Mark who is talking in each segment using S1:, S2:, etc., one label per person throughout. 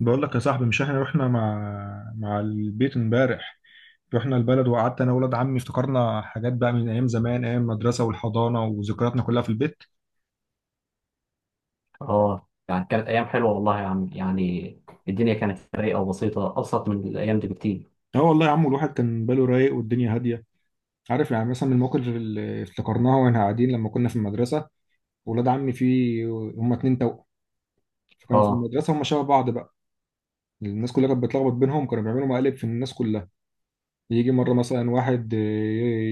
S1: بقول لك يا صاحبي، مش احنا رحنا مع البيت امبارح. رحنا البلد وقعدت انا وولاد عمي، افتكرنا حاجات بقى من ايام زمان، ايام المدرسه والحضانه وذكرياتنا كلها في البيت.
S2: اه، يعني كانت ايام حلوه والله يا عم، يعني الدنيا كانت رايقه وبسيطه، ابسط من الايام دي بكتير.
S1: اه والله يا عم، الواحد كان باله رايق والدنيا هاديه. عارف يعني مثلا من المواقف اللي افتكرناها واحنا قاعدين لما كنا في المدرسه. ولاد عمي في، هم اتنين توأم، فكانوا في
S2: اه،
S1: المدرسه هم شبه بعض بقى. الناس كلها كانت بتلخبط بينهم، كانوا بيعملوا مقالب في الناس كلها. يجي مره مثلا واحد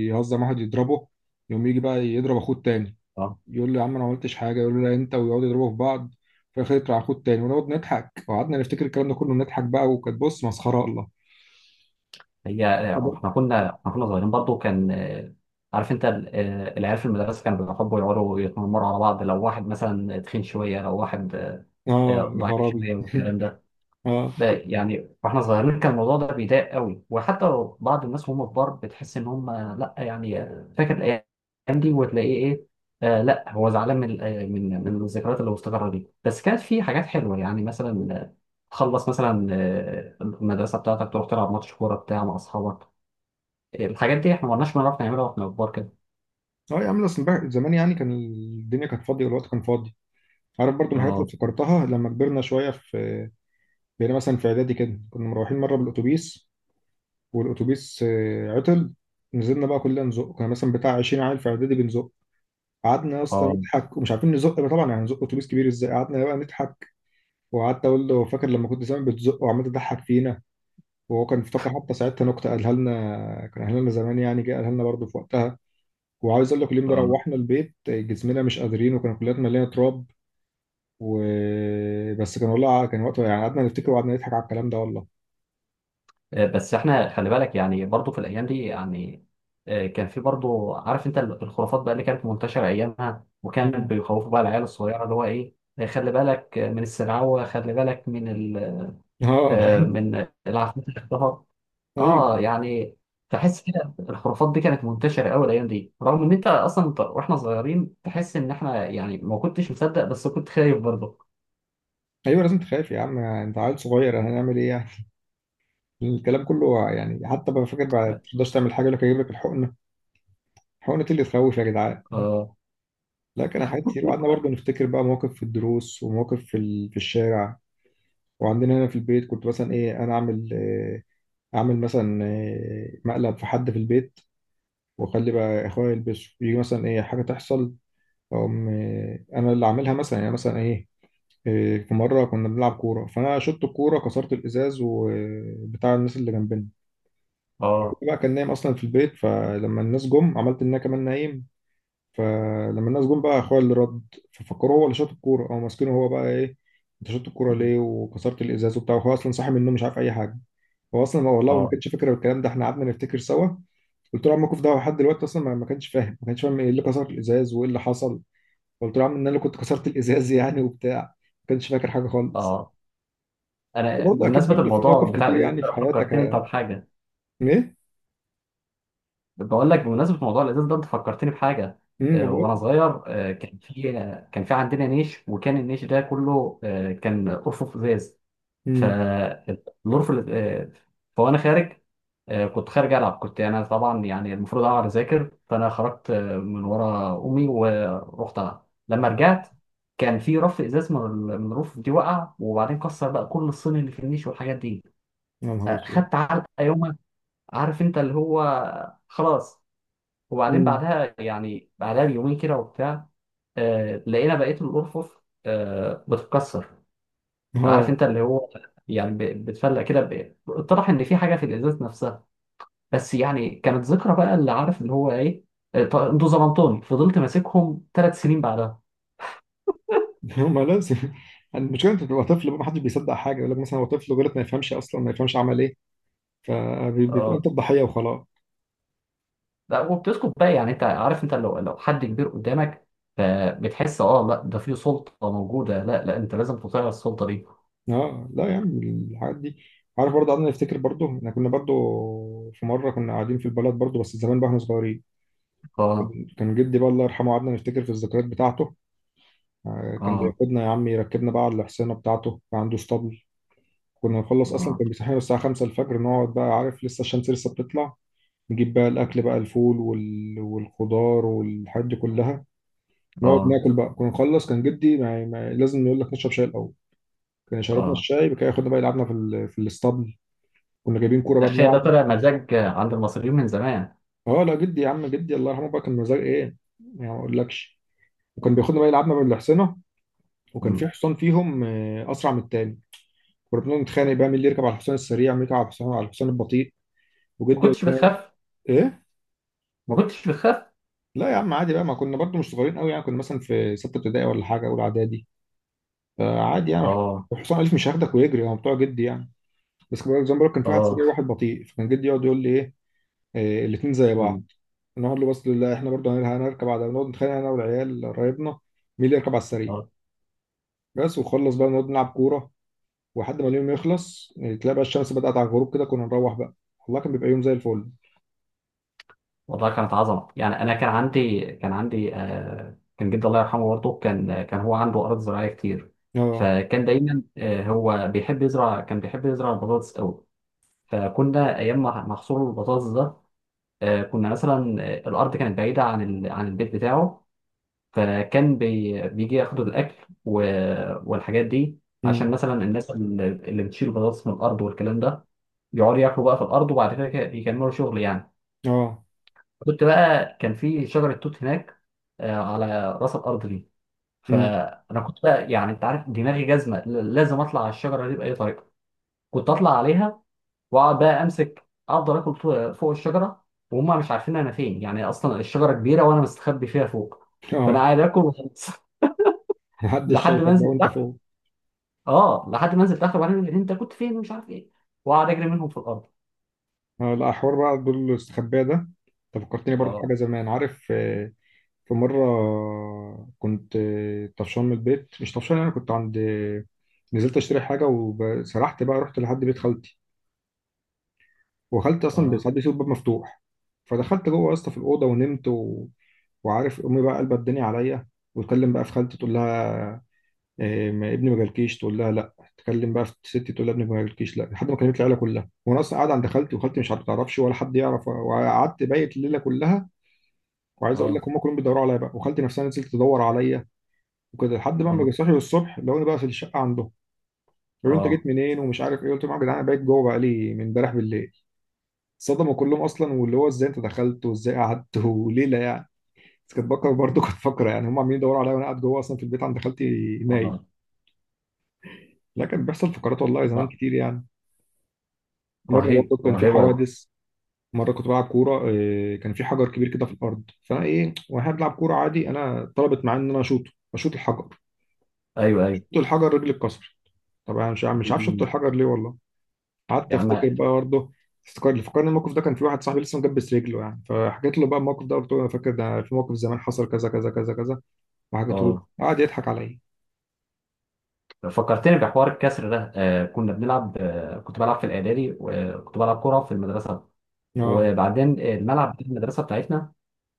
S1: يهزم واحد يضربه، يقوم يجي بقى يضرب اخوه التاني.
S2: اه،
S1: يقول له يا عم انا ما عملتش حاجه، يقول له لا انت، ويقعدوا يضربوا في بعض. في الاخر يطلع اخوه التاني ونقعد نضحك. وقعدنا نفتكر الكلام ده كله نضحك بقى، وكانت بص مسخره الله.
S2: هي. احنا كنا صغيرين برضو، كان عارف انت ال- آه، العيال في المدرسه كانوا بيحبوا يقعدوا يتنمروا على بعض، لو واحد مثلا تخين شويه، لو واحد
S1: اه يا
S2: ضعيف
S1: خرابي
S2: شويه والكلام ده.
S1: اه.
S2: لا، يعني واحنا صغيرين كان الموضوع ده بيضايق قوي، وحتى لو بعض الناس وهم كبار بتحس ان هم، لا، يعني فاكر الايام دي وتلاقيه ايه. آه، لا، هو زعلان من من الذكريات اللي مستقره دي، بس كانت في حاجات حلوه يعني، مثلا تخلص مثلا المدرسه بتاعتك، تروح تلعب ماتش كوره بتاع مع اصحابك. الحاجات دي احنا ما كناش بنعرف نعملها واحنا كبار كده.
S1: اه يا عم، اصل زمان يعني كان الدنيا كانت فاضيه والوقت كان فاضي. عارف برضو من الحاجات اللي
S2: اه،
S1: افتكرتها لما كبرنا شويه، في، بقينا مثلا في اعدادي كده، كنا مروحين مره بالاتوبيس. والاتوبيس عطل. نزلنا بقى كلنا نزق، كنا مثلا بتاع 20 عيل في اعدادي بنزق. قعدنا يا اسطى
S2: اه،
S1: نضحك ومش عارفين نزق بقى، طبعا يعني نزق اتوبيس كبير ازاي؟ قعدنا بقى نضحك. وقعدت اقول له فاكر لما كنت زمان بتزق وعمال تضحك فينا. وهو كان افتكر حتى ساعتها نكته قالها لنا، كان قالها لنا زمان يعني، جه قالها لنا برضه في وقتها. وعاوز اقول لك، اليوم ده
S2: اه.
S1: روحنا البيت جسمنا مش قادرين، وكان كلياتنا مليانه تراب و... بس كان والله، كان وقتها يعني قعدنا نفتكر وقعدنا نضحك على الكلام ده والله.
S2: بس احنا خلي بالك يعني برضو في الايام دي يعني كان في برضو، عارف انت الخرافات بقى اللي كانت منتشره ايامها، وكان
S1: مم.
S2: بيخوفوا بقى العيال الصغيره اللي هو ايه خلي بالك من السرعوه، خلي بالك من ال
S1: اه
S2: آه، من العفريت اللي اختفى.
S1: ايوه.
S2: اه، يعني تحس كده الخرافات دي كانت منتشره قوي الايام دي، رغم ان انت اصلا، انت واحنا صغيرين تحس ان احنا يعني ما كنتش مصدق، بس كنت خايف برضه.
S1: ايوه لازم تخاف يا عم، انت عيل صغير، هنعمل ايه يعني؟ الكلام كله يعني، حتى بقى فاكر بعد ما
S2: اه،
S1: تقدرش تعمل حاجه يقول لك هجيب لك الحقنه. الحقنه إيه اللي تخوف يا جدعان؟
S2: اه،
S1: لا، كان حاجات كتير. وقعدنا برضه نفتكر بقى مواقف في الدروس ومواقف في في الشارع. وعندنا هنا في البيت كنت مثلا ايه، انا اعمل إيه؟ اعمل مثلا إيه، مقلب في حد في البيت، واخلي بقى اخويا يلبسه. يجي مثلا ايه حاجه تحصل، أقوم إيه انا اللي اعملها مثلا يعني، مثلا ايه. إيه، في مرة كنا بنلعب كورة فأنا شطت الكورة كسرت الإزاز وبتاع الناس اللي جنبنا. أخويا
S2: اه،
S1: بقى كان نايم أصلا في البيت، فلما الناس جم عملت إن أنا كمان نايم. فلما الناس جم بقى اخويا اللي رد، ففكروا هو اللي شاط الكوره، او ماسكينه هو بقى ايه، انت شاط الكوره ليه وكسرت الازاز وبتاع. هو اصلا صاحي من النوم مش عارف اي حاجه. هو اصلا والله ما
S2: اه.
S1: كانش فاكر الكلام ده، احنا قعدنا نفتكر سوا. قلت له يا عم، الموقف ده لحد دلوقتي اصلا ما كانش فاهم، ما كانش فاهم ايه اللي كسر الازاز وايه اللي حصل. قلت له يا عم ان انا اللي كنت كسرت الازاز يعني وبتاع. ما كانش فاكر حاجه خالص.
S2: آه. انا
S1: برضه اكيد،
S2: بمناسبه
S1: برضه في
S2: الموضوع
S1: مواقف
S2: بتاع
S1: كتير
S2: الازاز
S1: يعني
S2: ده
S1: في حياتك.
S2: فكرتني انت بحاجه.
S1: ايه؟
S2: بقول لك بمناسبه موضوع الازاز ده، انت فكرتني بحاجه.
S1: ما
S2: وانا
S1: بقول.
S2: صغير كان في عندنا نيش، وكان النيش ده كله كان ارفف ازاز.
S1: امم
S2: فالارف، فانا خارج كنت خارج العب. كنت انا طبعا يعني المفروض اقعد اذاكر، فانا خرجت من ورا امي ورحت العب. لما رجعت كان في رف ازاز من الرفوف دي وقع، وبعدين كسر بقى كل الصين اللي في النيش والحاجات دي.
S1: يا نهار اسود.
S2: خدت علقه يومها. عارف انت اللي هو، خلاص. وبعدين
S1: امم
S2: بعدها يعني بعدها بيومين كده وبتاع لقينا بقيه الارفف بتتكسر. عارف
S1: اه
S2: انت اللي هو، يعني بتفلق كده، اتضح ان في حاجه في الازاز نفسها. بس يعني كانت ذكرى بقى اللي عارف اللي هو ايه. انتوا ظلمتوني، فضلت ماسكهم 3 سنين بعدها.
S1: ما لازم. المشكله انت بتبقى طفل بقى، ما حدش بيصدق حاجه، يقول لك مثلا هو طفل غلط ما يفهمش، اصلا ما يفهمش عمل ايه. فبتبقى انت
S2: اه،
S1: الضحيه وخلاص.
S2: لا، وبتسكت بقى، يعني انت عارف، انت لو حد كبير قدامك، فبتحس، اه، لا، ده في سلطه موجوده، لا لا، انت لازم تطيع السلطه دي.
S1: اه لا يا عم الحاجات دي. عارف برضه قعدنا نفتكر، برضه احنا كنا برضه، في مره كنا قاعدين في البلد برضه بس زمان بقى احنا صغيرين.
S2: اه،
S1: كان كان جدي بقى الله يرحمه، قعدنا نفتكر في الذكريات بتاعته. كان
S2: اه،
S1: بياخدنا يا عم، يركبنا بقى على الحصانه بتاعته، كان عنده اسطبل. كنا نخلص اصلا،
S2: اه،
S1: كان بيصحينا الساعه 5 الفجر، نقعد بقى عارف لسه الشمس لسه بتطلع. نجيب بقى الأكل بقى، الفول والخضار والحاجات دي كلها. نقعد
S2: اه،
S1: ناكل بقى، كنا نخلص كان جدي ما... ما... لازم يقول لك نشرب شاي الأول. كان شربنا
S2: اه.
S1: الشاي بقى ياخدنا بقى يلعبنا في في الاسطبل. كنا جايبين كورة بقى
S2: المشاية
S1: بنلعب.
S2: ده طلع مزاج عند المصريين من زمان.
S1: اه لا، جدي يا عم، جدي الله يرحمه بقى، كان مزاج ايه، يعني ما اقولكش. وكان بياخدنا بقى يلعبنا بالحصنة. وكان
S2: مم.
S1: في حصان فيهم أسرع من التاني. كنا بنقعد نتخانق بقى مين اللي يركب على الحصان السريع، مين يركب على الحصان على الحصان البطيء.
S2: ما
S1: وجدي يقول
S2: كنتش
S1: لنا
S2: بتخاف؟
S1: ايه.
S2: ما كنتش بتخاف؟
S1: لا يا عم عادي بقى، ما كنا برضو مش صغيرين قوي يعني، كنا مثلا في ستة ابتدائي ولا حاجة أولى إعدادي، فعادي يعني.
S2: اه،
S1: حسام الف مش هياخدك ويجري، هو بتوع جدي يعني. بس كان زي ما بقول لك، كان في واحد سريع
S2: اه.
S1: وواحد بطيء، فكان جدي يقعد يقول لي ايه. إيه، الاتنين زي بعض.
S2: مم.
S1: نقعد له بس لا احنا برضه هنركب هنركب على نقعد نتخانق انا والعيال قرايبنا، مين اللي يركب على السريع.
S2: اه،
S1: بس وخلص بقى نقعد نلعب كوره. ولحد ما اليوم يخلص إيه، تلاقي بقى الشمس بدأت على الغروب كده، كنا نروح بقى. والله كان بيبقى يوم زي الفل.
S2: والله كانت عظمة، يعني انا كان عندي آه، كان جدي الله يرحمه، برضه كان هو عنده ارض زراعية كتير،
S1: اه.
S2: فكان دايما آه، هو بيحب يزرع، كان بيحب يزرع البطاطس قوي. فكنا ايام ما محصول البطاطس ده، آه كنا مثلا الارض كانت بعيدة عن البيت بتاعه، فكان بيجي ياخدوا الاكل والحاجات دي، عشان
S1: امم
S2: مثلا الناس اللي بتشيل بطاطس من الارض والكلام ده، يقعدوا ياكلوا بقى في الارض، وبعد كده يكملوا شغل يعني.
S1: اه.
S2: كنت بقى كان في شجره توت هناك على راس الارض دي،
S1: امم
S2: فانا كنت بقى يعني انت عارف دماغي جزمه، لازم اطلع على الشجره دي باي طريقه. كنت اطلع عليها، واقعد بقى امسك افضل اكل فوق فوق الشجره، وهم مش عارفين انا فين. يعني اصلا الشجره كبيره وانا مستخبي فيها فوق، فانا
S1: اه.
S2: قاعد اكل وخلاص.
S1: محدش
S2: لحد ما
S1: شايفك بقى
S2: انزل.
S1: وانت فوق.
S2: اه، لحد ما نزلت اخر، وبعدين انت كنت فين ومش عارف ايه، وقعد اجري منهم في الارض.
S1: اه. لا حوار بقى دول الاستخباء ده. انت فكرتني برضه في
S2: اه،
S1: حاجه زمان. عارف في مرة كنت، طفشان من البيت، مش طفشان، أنا كنت عند، نزلت أشتري حاجة وسرحت بقى، رحت لحد بيت خالتي. وخالتي أصلا
S2: اه،
S1: ساعات بيسيب الباب مفتوح. فدخلت جوه يا اسطى في الأوضة ونمت وعارف أمي بقى قلبت الدنيا عليا. وتكلم بقى في خالتي تقول لها إيه ما ابني ما جالكيش؟ تقول لها لا. تكلم بقى في ستي تقول لها ابني ما جالكيش، لا. لحد ما كلمت العيلة كلها، وأنا أصلا قاعد عند خالتي وخالتي مش هتعرفش ولا حد يعرف، وقعدت بايت الليلة كلها. وعايز اقول
S2: اه،
S1: لك هم كلهم بيدوروا عليا بقى، وخالتي نفسها نزلت تدور عليا. وكده لحد بقى ما جه
S2: اه،
S1: صاحي الصبح لقوني بقى في الشقه عندهم. قالوا لي انت
S2: اه،
S1: جيت منين ومش عارف ايه؟ قلت لهم يا جدعان انا بقيت جوه بقى لي من امبارح بالليل. صدموا كلهم اصلا، واللي هو ازاي انت دخلت وازاي قعدت وليله يعني. بس كنت بفكر برضه، كنت فاكره يعني هم عمالين يدوروا عليا وانا قاعد جوه اصلا في البيت عند خالتي نايم.
S2: اه،
S1: لا كان بيحصل فقرات والله زمان
S2: لا،
S1: كتير يعني. مره
S2: رهيب
S1: برضه كان في
S2: رهيب والله.
S1: حوادث. مره كنت بلعب كوره، إيه، كان في حجر كبير كده في الارض، فانا ايه وانا بلعب كوره عادي، انا طلبت معايا ان انا اشوطه، اشوط الحجر.
S2: ايوه، ايوه.
S1: شوط الحجر، رجلي اتكسر. طبعا مش عارف شوط
S2: جميل
S1: الحجر ليه والله. قعدت
S2: يا عم،
S1: افتكر بقى برضه. افتكر اللي فكرني الموقف ده، كان في واحد صاحبي لسه مجبس رجله يعني، فحكيت له بقى الموقف ده، قلت له انا فاكر ده في موقف زمان حصل كذا كذا كذا كذا، وحكيته له.
S2: اه.
S1: قعد يضحك عليا.
S2: فكرتني بحوار الكسر ده، آه كنا بنلعب آه كنت بلعب في الاعدادي، وكنت بلعب كوره في المدرسه،
S1: اه.
S2: وبعدين الملعب بتاع المدرسه بتاعتنا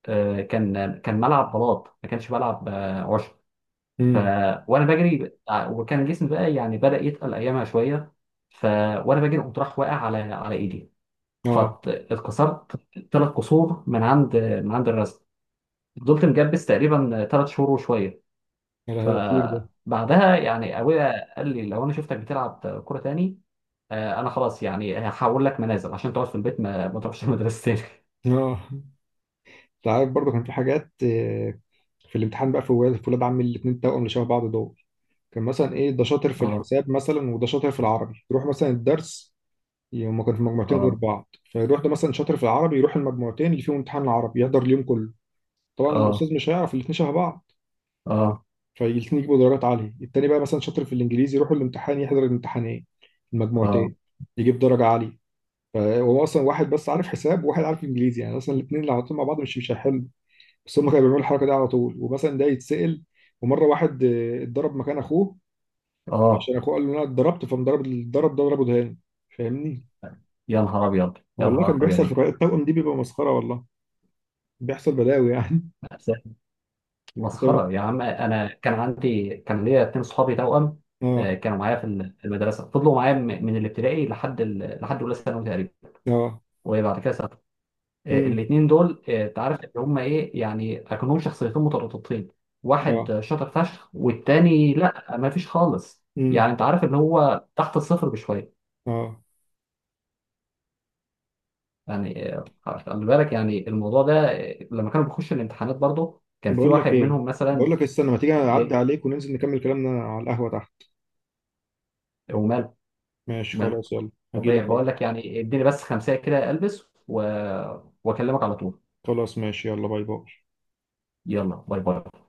S2: آه، كان ملعب بلاط، ما كانش ملعب آه عشب، ف
S1: امم
S2: وانا بجري وكان جسمي بقى يعني بدأ يتقل ايامها شويه، ف وانا بجري قمت راح واقع على ايدي،
S1: اه.
S2: فاتكسرت ثلاث كسور من عند الرزق. فضلت مجبس تقريبا 3 شهور وشويه،
S1: يا لهوي ده كتير ده.
S2: فبعدها يعني ابويا قال لي لو انا شفتك بتلعب كوره تاني، انا خلاص يعني هحول لك منازل عشان تقعد في البيت ما تروحش المدرسه تاني.
S1: اه. انت عارف برضه كان في حاجات في الامتحان بقى، في ولاد، في ولاد عمي الاثنين توأم اللي شبه بعض دول، كان مثلا ايه ده شاطر في
S2: اه،
S1: الحساب مثلا وده شاطر في العربي، يروح مثلا الدرس. هما كانوا في مجموعتين غير
S2: اه،
S1: بعض، فيروح ده مثلا شاطر في العربي يروح المجموعتين اللي فيهم امتحان العربي يحضر اليوم كله. طبعا
S2: اه،
S1: الاستاذ مش هيعرف الاثنين شبه بعض.
S2: اه،
S1: فالاثنين يجيبوا درجات عالية. التاني بقى مثلا شاطر في الانجليزي يروح الامتحان يحضر الامتحانين،
S2: اه،
S1: المجموعتين، يجيب درجة عالية. فهو اصلا واحد بس عارف حساب وواحد عارف انجليزي، يعني اصلا الاثنين لو حطيتهم مع بعض مش هيحلوا. بس هم كانوا بيعملوا الحركة دي على طول، ومثلا ده يتسأل. ومرة واحد اتضرب مكان اخوه،
S2: اه،
S1: عشان اخوه قال له انا اتضربت، فمضرب الضرب ده ضربه دهان. فاهمني.
S2: يا نهار ابيض، يا
S1: والله
S2: نهار
S1: كان بيحصل
S2: ابيض.
S1: في قراءة التوأم دي بيبقى مسخرة والله، بيحصل بلاوي يعني.
S2: مسخرة يا عم، أنا كان ليا اتنين صحابي توأم
S1: اه.
S2: كانوا معايا في المدرسة، فضلوا معايا من الابتدائي لحد أولى ثانوي تقريبا،
S1: اه.
S2: وبعد كده سافروا.
S1: امم
S2: الاتنين دول أنت عارف إن هما إيه، يعني أكنهم شخصيتين مترابطتين،
S1: اه.
S2: واحد شاطر فشخ والتاني لأ، ما فيش خالص،
S1: امم
S2: يعني أنت عارف إن هو تحت الصفر بشوية،
S1: اه.
S2: يعني خلي بالك يعني الموضوع ده لما كانوا بيخشوا الامتحانات برضه، كان في
S1: بقول
S2: واحد
S1: لك ايه،
S2: منهم مثلا.
S1: بقول لك استنى ما تيجي اعدي
S2: إيه،
S1: عليك وننزل نكمل كلامنا على القهوة تحت.
S2: وماله.
S1: ماشي خلاص، يلا هجيلك
S2: طبيعي، بقول
S1: اهو.
S2: لك يعني اديني بس خمسة كده، البس واكلمك على طول.
S1: خلاص ماشي، يلا باي باي.
S2: يلا باي باي.